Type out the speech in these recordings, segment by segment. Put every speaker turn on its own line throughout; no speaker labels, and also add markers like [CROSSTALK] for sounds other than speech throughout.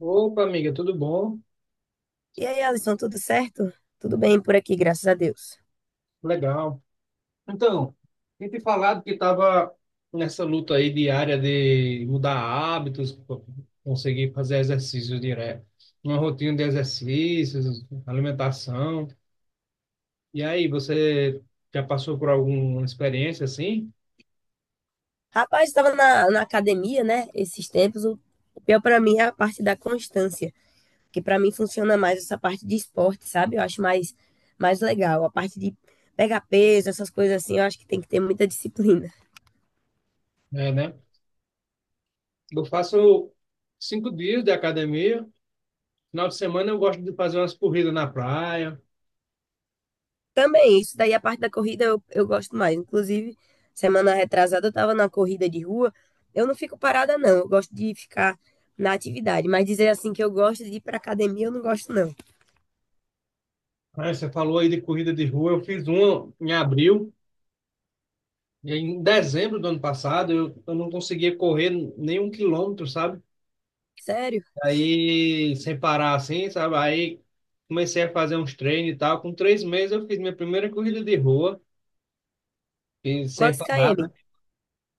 Opa, amiga, tudo bom?
E aí, Alisson, tudo certo? Tudo bem por aqui, graças a Deus.
Legal. Então, tinha te falado que estava nessa luta aí diária de mudar hábitos, conseguir fazer exercícios direto, uma rotina de exercícios, alimentação. E aí, você já passou por alguma experiência assim?
Rapaz, estava na academia, né? Esses tempos, o pior para mim é a parte da constância, que para mim funciona mais essa parte de esporte, sabe? Eu acho mais legal. A parte de pegar peso, essas coisas assim, eu acho que tem que ter muita disciplina.
É, né? Eu faço 5 dias de academia. Final de semana eu gosto de fazer umas corridas na praia.
Também, isso daí, a parte da corrida eu gosto mais. Inclusive, semana retrasada eu estava na corrida de rua. Eu não fico parada, não. Eu gosto de ficar na atividade, mas dizer assim que eu gosto de ir para academia, eu não gosto, não.
Aí você falou aí de corrida de rua. Eu fiz uma em abril. Em dezembro do ano passado, eu não conseguia correr nenhum quilômetro, sabe?
Sério?
Aí, sem parar assim, sabe? Aí comecei a fazer uns treinos e tal. Com 3 meses, eu fiz minha primeira corrida de rua, e sem
Quantos
parar,
km?
né?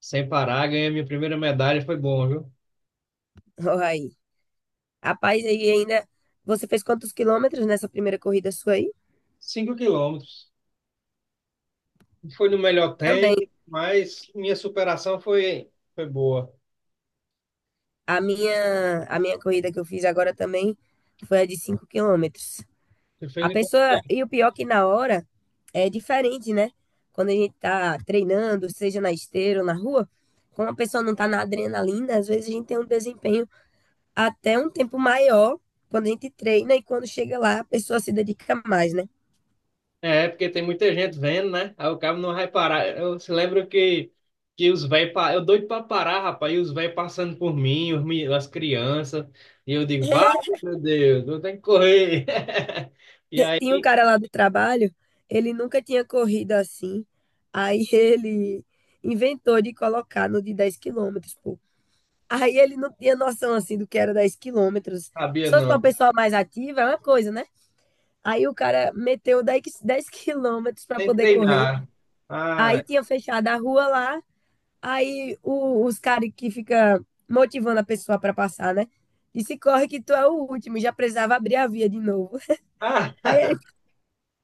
Sem parar, ganhei minha primeira medalha, foi bom, viu?
Ó, aí. Rapaz, aí ainda. Você fez quantos quilômetros nessa primeira corrida sua aí?
5 quilômetros. Não foi no melhor
Também.
tempo, mas minha superação foi boa.
A minha corrida que eu fiz agora também foi a de 5 km.
Você
A
fez em...
pessoa. E o pior que na hora é diferente, né? Quando a gente tá treinando, seja na esteira ou na rua, como a pessoa não tá na adrenalina, às vezes a gente tem um desempenho até um tempo maior quando a gente treina e quando chega lá a pessoa se dedica mais, né?
É, porque tem muita gente vendo, né? Aí o cabo não vai parar. Eu se lembro que os velhos. Eu doido pra parar, rapaz. E os velhos passando por mim, as crianças. E eu digo, vai,
[LAUGHS]
meu Deus, eu tenho que correr. [LAUGHS] E
Tinha um
aí,
cara lá do trabalho, ele nunca tinha corrido assim. Aí [LAUGHS] ele inventou de colocar no de 10 km, pô. Aí ele não tinha noção assim do que era 10 km. Se
sabia
fosse pra uma
não.
pessoa mais ativa, é uma coisa, né? Aí o cara meteu 10 [LAUGHS] quilômetros pra
Nem
poder correr.
treinar. Ah,
Aí tinha fechado a rua lá. Aí os caras que fica motivando a pessoa pra passar, né? Disse, corre que tu é o último, e já precisava abrir a via de novo.
ah,
[LAUGHS] Aí ele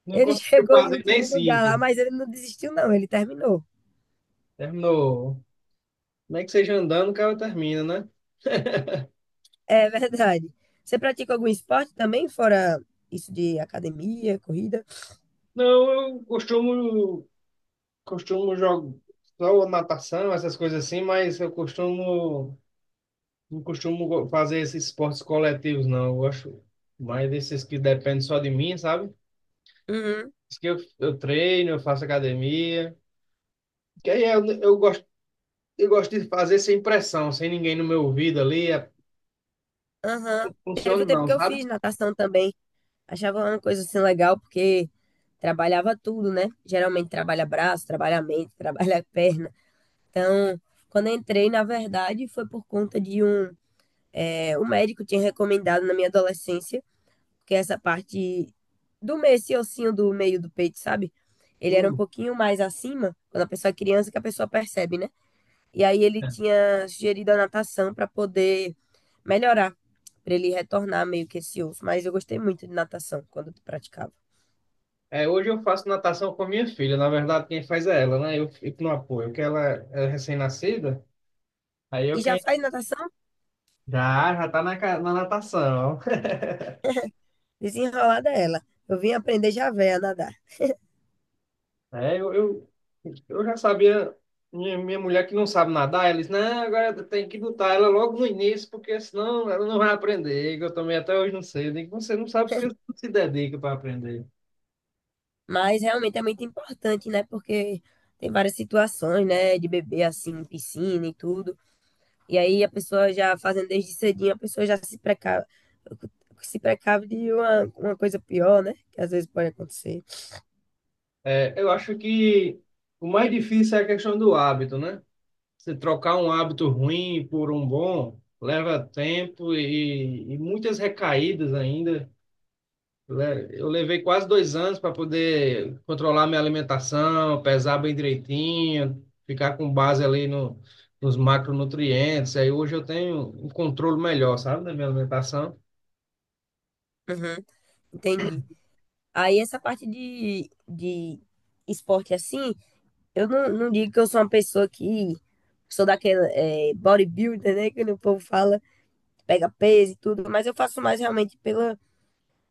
não
Ele
conseguiu
chegou em
fazer nem
último lugar
cinco.
lá, mas ele não desistiu, não. Ele terminou.
Terminou. Nem que seja andando, o cara termina, né?
É verdade. Você pratica algum esporte também, fora isso de academia, corrida?
Não, eu costumo jogar só natação, essas coisas assim, mas eu costumo. Não costumo fazer esses esportes coletivos, não. Eu gosto mais desses que dependem só de mim, sabe?
Uhum,
Diz que eu treino, eu faço academia. Que aí eu gosto de fazer sem pressão, sem ninguém no meu ouvido ali. É,
aham. Teve
funciona
o tempo
não,
que eu
sabe?
fiz natação também. Achava uma coisa assim legal, porque trabalhava tudo, né? Geralmente trabalha braço, trabalha mente, [LAUGHS] trabalha perna. Então, quando eu entrei, na verdade, foi por conta de um médico tinha recomendado na minha adolescência. Porque essa parte do meio, esse ossinho do meio do peito, sabe? Ele era um
Hum,
pouquinho mais acima, quando a pessoa é criança, que a pessoa percebe, né? E aí ele tinha sugerido a natação para poder melhorar, para ele retornar meio que esse osso. Mas eu gostei muito de natação quando praticava.
É, hoje eu faço natação com a minha filha. Na verdade, quem faz é ela, né? Eu fico no apoio, porque ela é recém-nascida. Aí eu
E já
quem
faz natação
já tá na natação.
desenrolada ela. Eu vim aprender já véia a nadar.
É, eu já sabia, minha mulher que não sabe nadar, ela disse, não, agora tem que botar ela logo no início, porque senão ela não vai aprender, que eu também até hoje não sei. Eu digo, você não sabe porque você não se dedica para aprender.
Mas realmente é muito importante, né? Porque tem várias situações, né? De bebê assim, em piscina e tudo. E aí a pessoa já fazendo desde cedinho, a pessoa já se precave, se precave de uma coisa pior, né? Que às vezes pode acontecer.
É, eu acho que o mais difícil é a questão do hábito, né? Você trocar um hábito ruim por um bom, leva tempo e muitas recaídas ainda. Eu levei quase 2 anos para poder controlar minha alimentação, pesar bem direitinho, ficar com base ali no, nos macronutrientes. Aí hoje eu tenho um controle melhor, sabe, da minha alimentação.
Uhum. Entendi. Aí essa parte de esporte assim, eu não, não digo que eu sou uma pessoa que sou daquela bodybuilder, né? Que o povo fala, pega peso e tudo, mas eu faço mais realmente pela,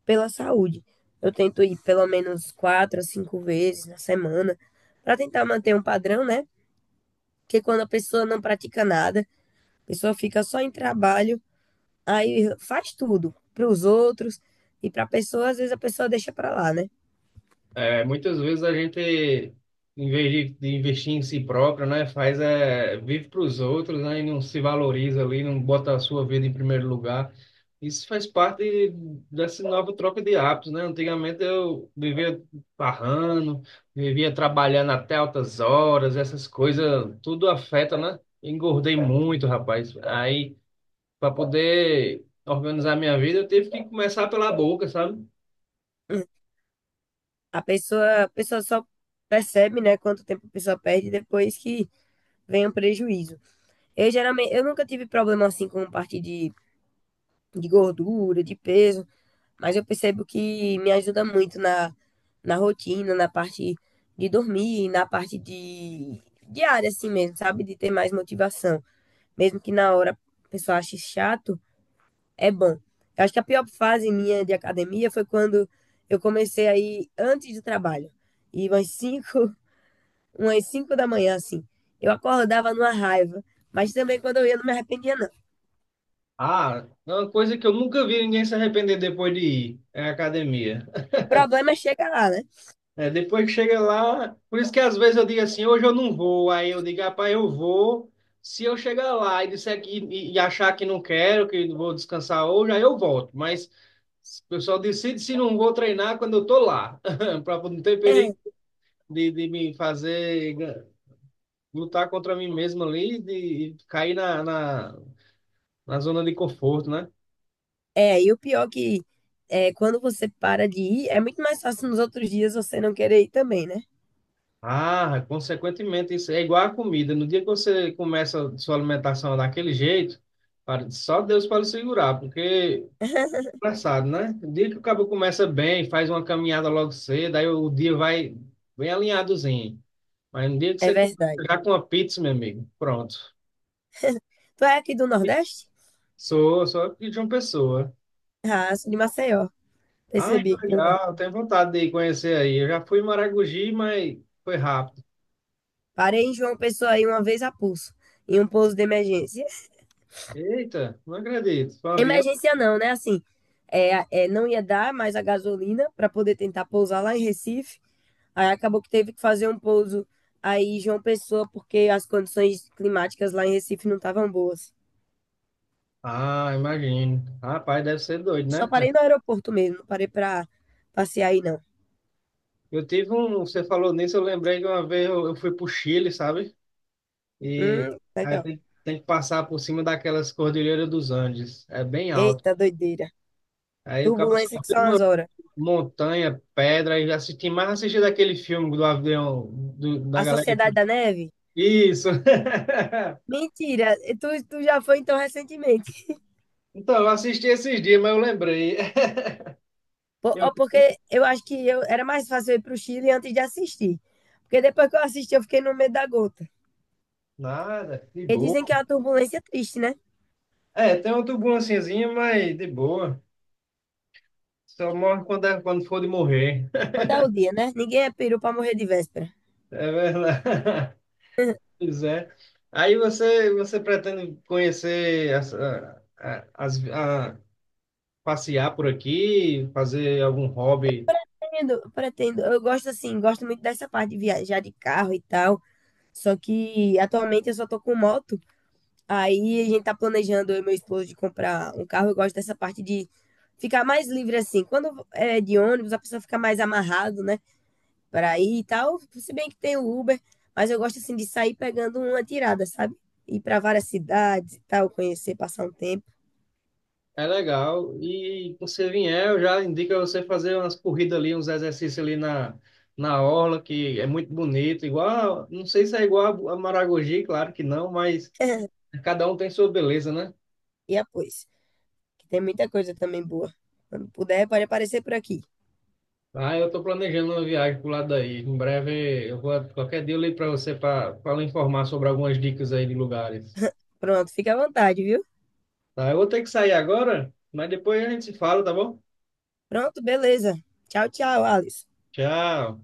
pela saúde. Eu tento ir pelo menos 4 a 5 vezes na semana, para tentar manter um padrão, né? Porque quando a pessoa não pratica nada, a pessoa fica só em trabalho, aí faz tudo para os outros e para a pessoa, às vezes a pessoa deixa para lá, né?
É, muitas vezes a gente, em vez de investir em si próprio, né, faz é, vive para os outros, né, e não se valoriza ali, não bota a sua vida em primeiro lugar. Isso faz parte dessa nova troca de hábitos, né? Antigamente eu vivia parrando, vivia trabalhando até altas horas, essas coisas, tudo afeta, né? Engordei muito, rapaz. Aí, para poder organizar minha vida, eu tive que começar pela boca, sabe?
A pessoa só percebe, né, quanto tempo a pessoa perde depois que vem o prejuízo. Eu geralmente, eu nunca tive problema assim com parte de gordura, de peso, mas eu percebo que me ajuda muito na rotina, na parte de dormir, na parte de diária assim mesmo, sabe? De ter mais motivação. Mesmo que na hora a pessoa ache chato, é bom. Eu acho que a pior fase minha de academia foi quando eu comecei a ir antes do trabalho. E umas cinco, [LAUGHS] umas cinco da manhã, assim. Eu acordava numa raiva, mas também quando eu ia não me arrependia, não.
Ah, é uma coisa que eu nunca vi ninguém se arrepender depois de ir, é a academia.
O problema é chegar lá, né?
É, depois que chega lá, por isso que às vezes eu digo assim, hoje eu não vou, aí eu digo, rapaz, eu vou. Se eu chegar lá e disser que, e achar que não quero, que vou descansar hoje, aí eu volto. Mas o pessoal decide se não vou treinar quando eu tô lá, [LAUGHS] para não ter perigo
[LAUGHS]
de me fazer lutar contra mim mesmo ali, de cair na zona de conforto, né?
É, e o pior que é, quando você para de ir, é muito mais fácil nos outros dias você não querer ir também, né?
Ah, consequentemente, isso é igual à comida. No dia que você começa sua alimentação daquele jeito, só Deus pode segurar, porque é
[LAUGHS]
engraçado, né? O dia que o cabo começa bem, faz uma caminhada logo cedo, aí o dia vai bem alinhadozinho. Mas no dia que
É
você começa
verdade.
já com uma pizza, meu amigo, pronto.
Tu é aqui do Nordeste?
Sou aqui de uma pessoa.
Ah, sou de Maceió.
Ah,
Percebi.
que
que eu-
legal, tenho vontade de ir conhecer aí. Eu já fui em Maragogi, mas foi rápido.
Parei em João Pessoa aí uma vez a pulso, em um pouso de emergência.
Eita, não acredito. Foi um avião.
Emergência não, né? Assim, não ia dar mais a gasolina para poder tentar pousar lá em Recife. Aí acabou que teve que fazer um pouso aí em João Pessoa, porque as condições climáticas lá em Recife não estavam boas.
Ah, imagino. Rapaz, deve ser doido,
Só
né?
parei no aeroporto mesmo, não parei para passear aí, não.
Eu tive um. Você falou nisso, eu lembrei que uma vez eu fui pro Chile, sabe? E aí
Legal.
tem que passar por cima daquelas cordilheiras dos Andes. É bem alto.
Eita, doideira.
Aí o cara só
Turbulência que
vê
são as
uma
horas.
montanha, pedra, e assisti mais assisti daquele filme do avião, da
A
galera
Sociedade
que.
da Neve?
Isso! [LAUGHS]
Mentira, tu já foi então recentemente.
Então, eu assisti esses dias, mas eu lembrei. [LAUGHS]
Po- ó,
Eu,
porque eu acho que eu, era mais fácil eu ir para o Chile antes de assistir. Porque depois que eu assisti, eu fiquei no medo da gota.
nada, de
E dizem
boa.
que é uma turbulência triste, né?
É, tem uma turbulênciazinha, mas de boa. Só morre quando, quando for de morrer.
Quando é o dia, né? Ninguém é peru para morrer de véspera.
É verdade. [LAUGHS] Pois é. Aí você, pretende conhecer, as, a- as, a- passear por aqui, fazer algum hobby?
Pretendo, pretendo. Eu gosto assim, gosto muito dessa parte de viajar de carro e tal. Só que atualmente eu só tô com moto. Aí a gente tá planejando, eu e meu esposo, de comprar um carro. Eu gosto dessa parte de ficar mais livre assim. Quando é de ônibus, a pessoa fica mais amarrado, né? Para ir e tal. Se bem que tem o Uber, mas eu gosto assim de sair pegando uma tirada, sabe? Ir para várias cidades e tal, conhecer, passar um tempo.
É legal. E quando você vier, eu já indico a você fazer umas corridas ali, uns exercícios ali na orla, que é muito bonito. Igual, não sei se é igual a Maragogi, claro que não, mas
[LAUGHS]
cada um tem sua beleza, né?
E após, que tem muita coisa também boa. Quando puder, pode aparecer por aqui.
Ah, eu estou planejando uma viagem pro lado daí. Em breve, eu vou, qualquer dia eu ligo para você para lhe informar sobre algumas dicas aí de lugares.
Pronto, fica à vontade, viu?
Tá, eu vou ter que sair agora, mas depois a gente se fala, tá bom?
Pronto, beleza. Tchau, tchau, Alice.
Tchau.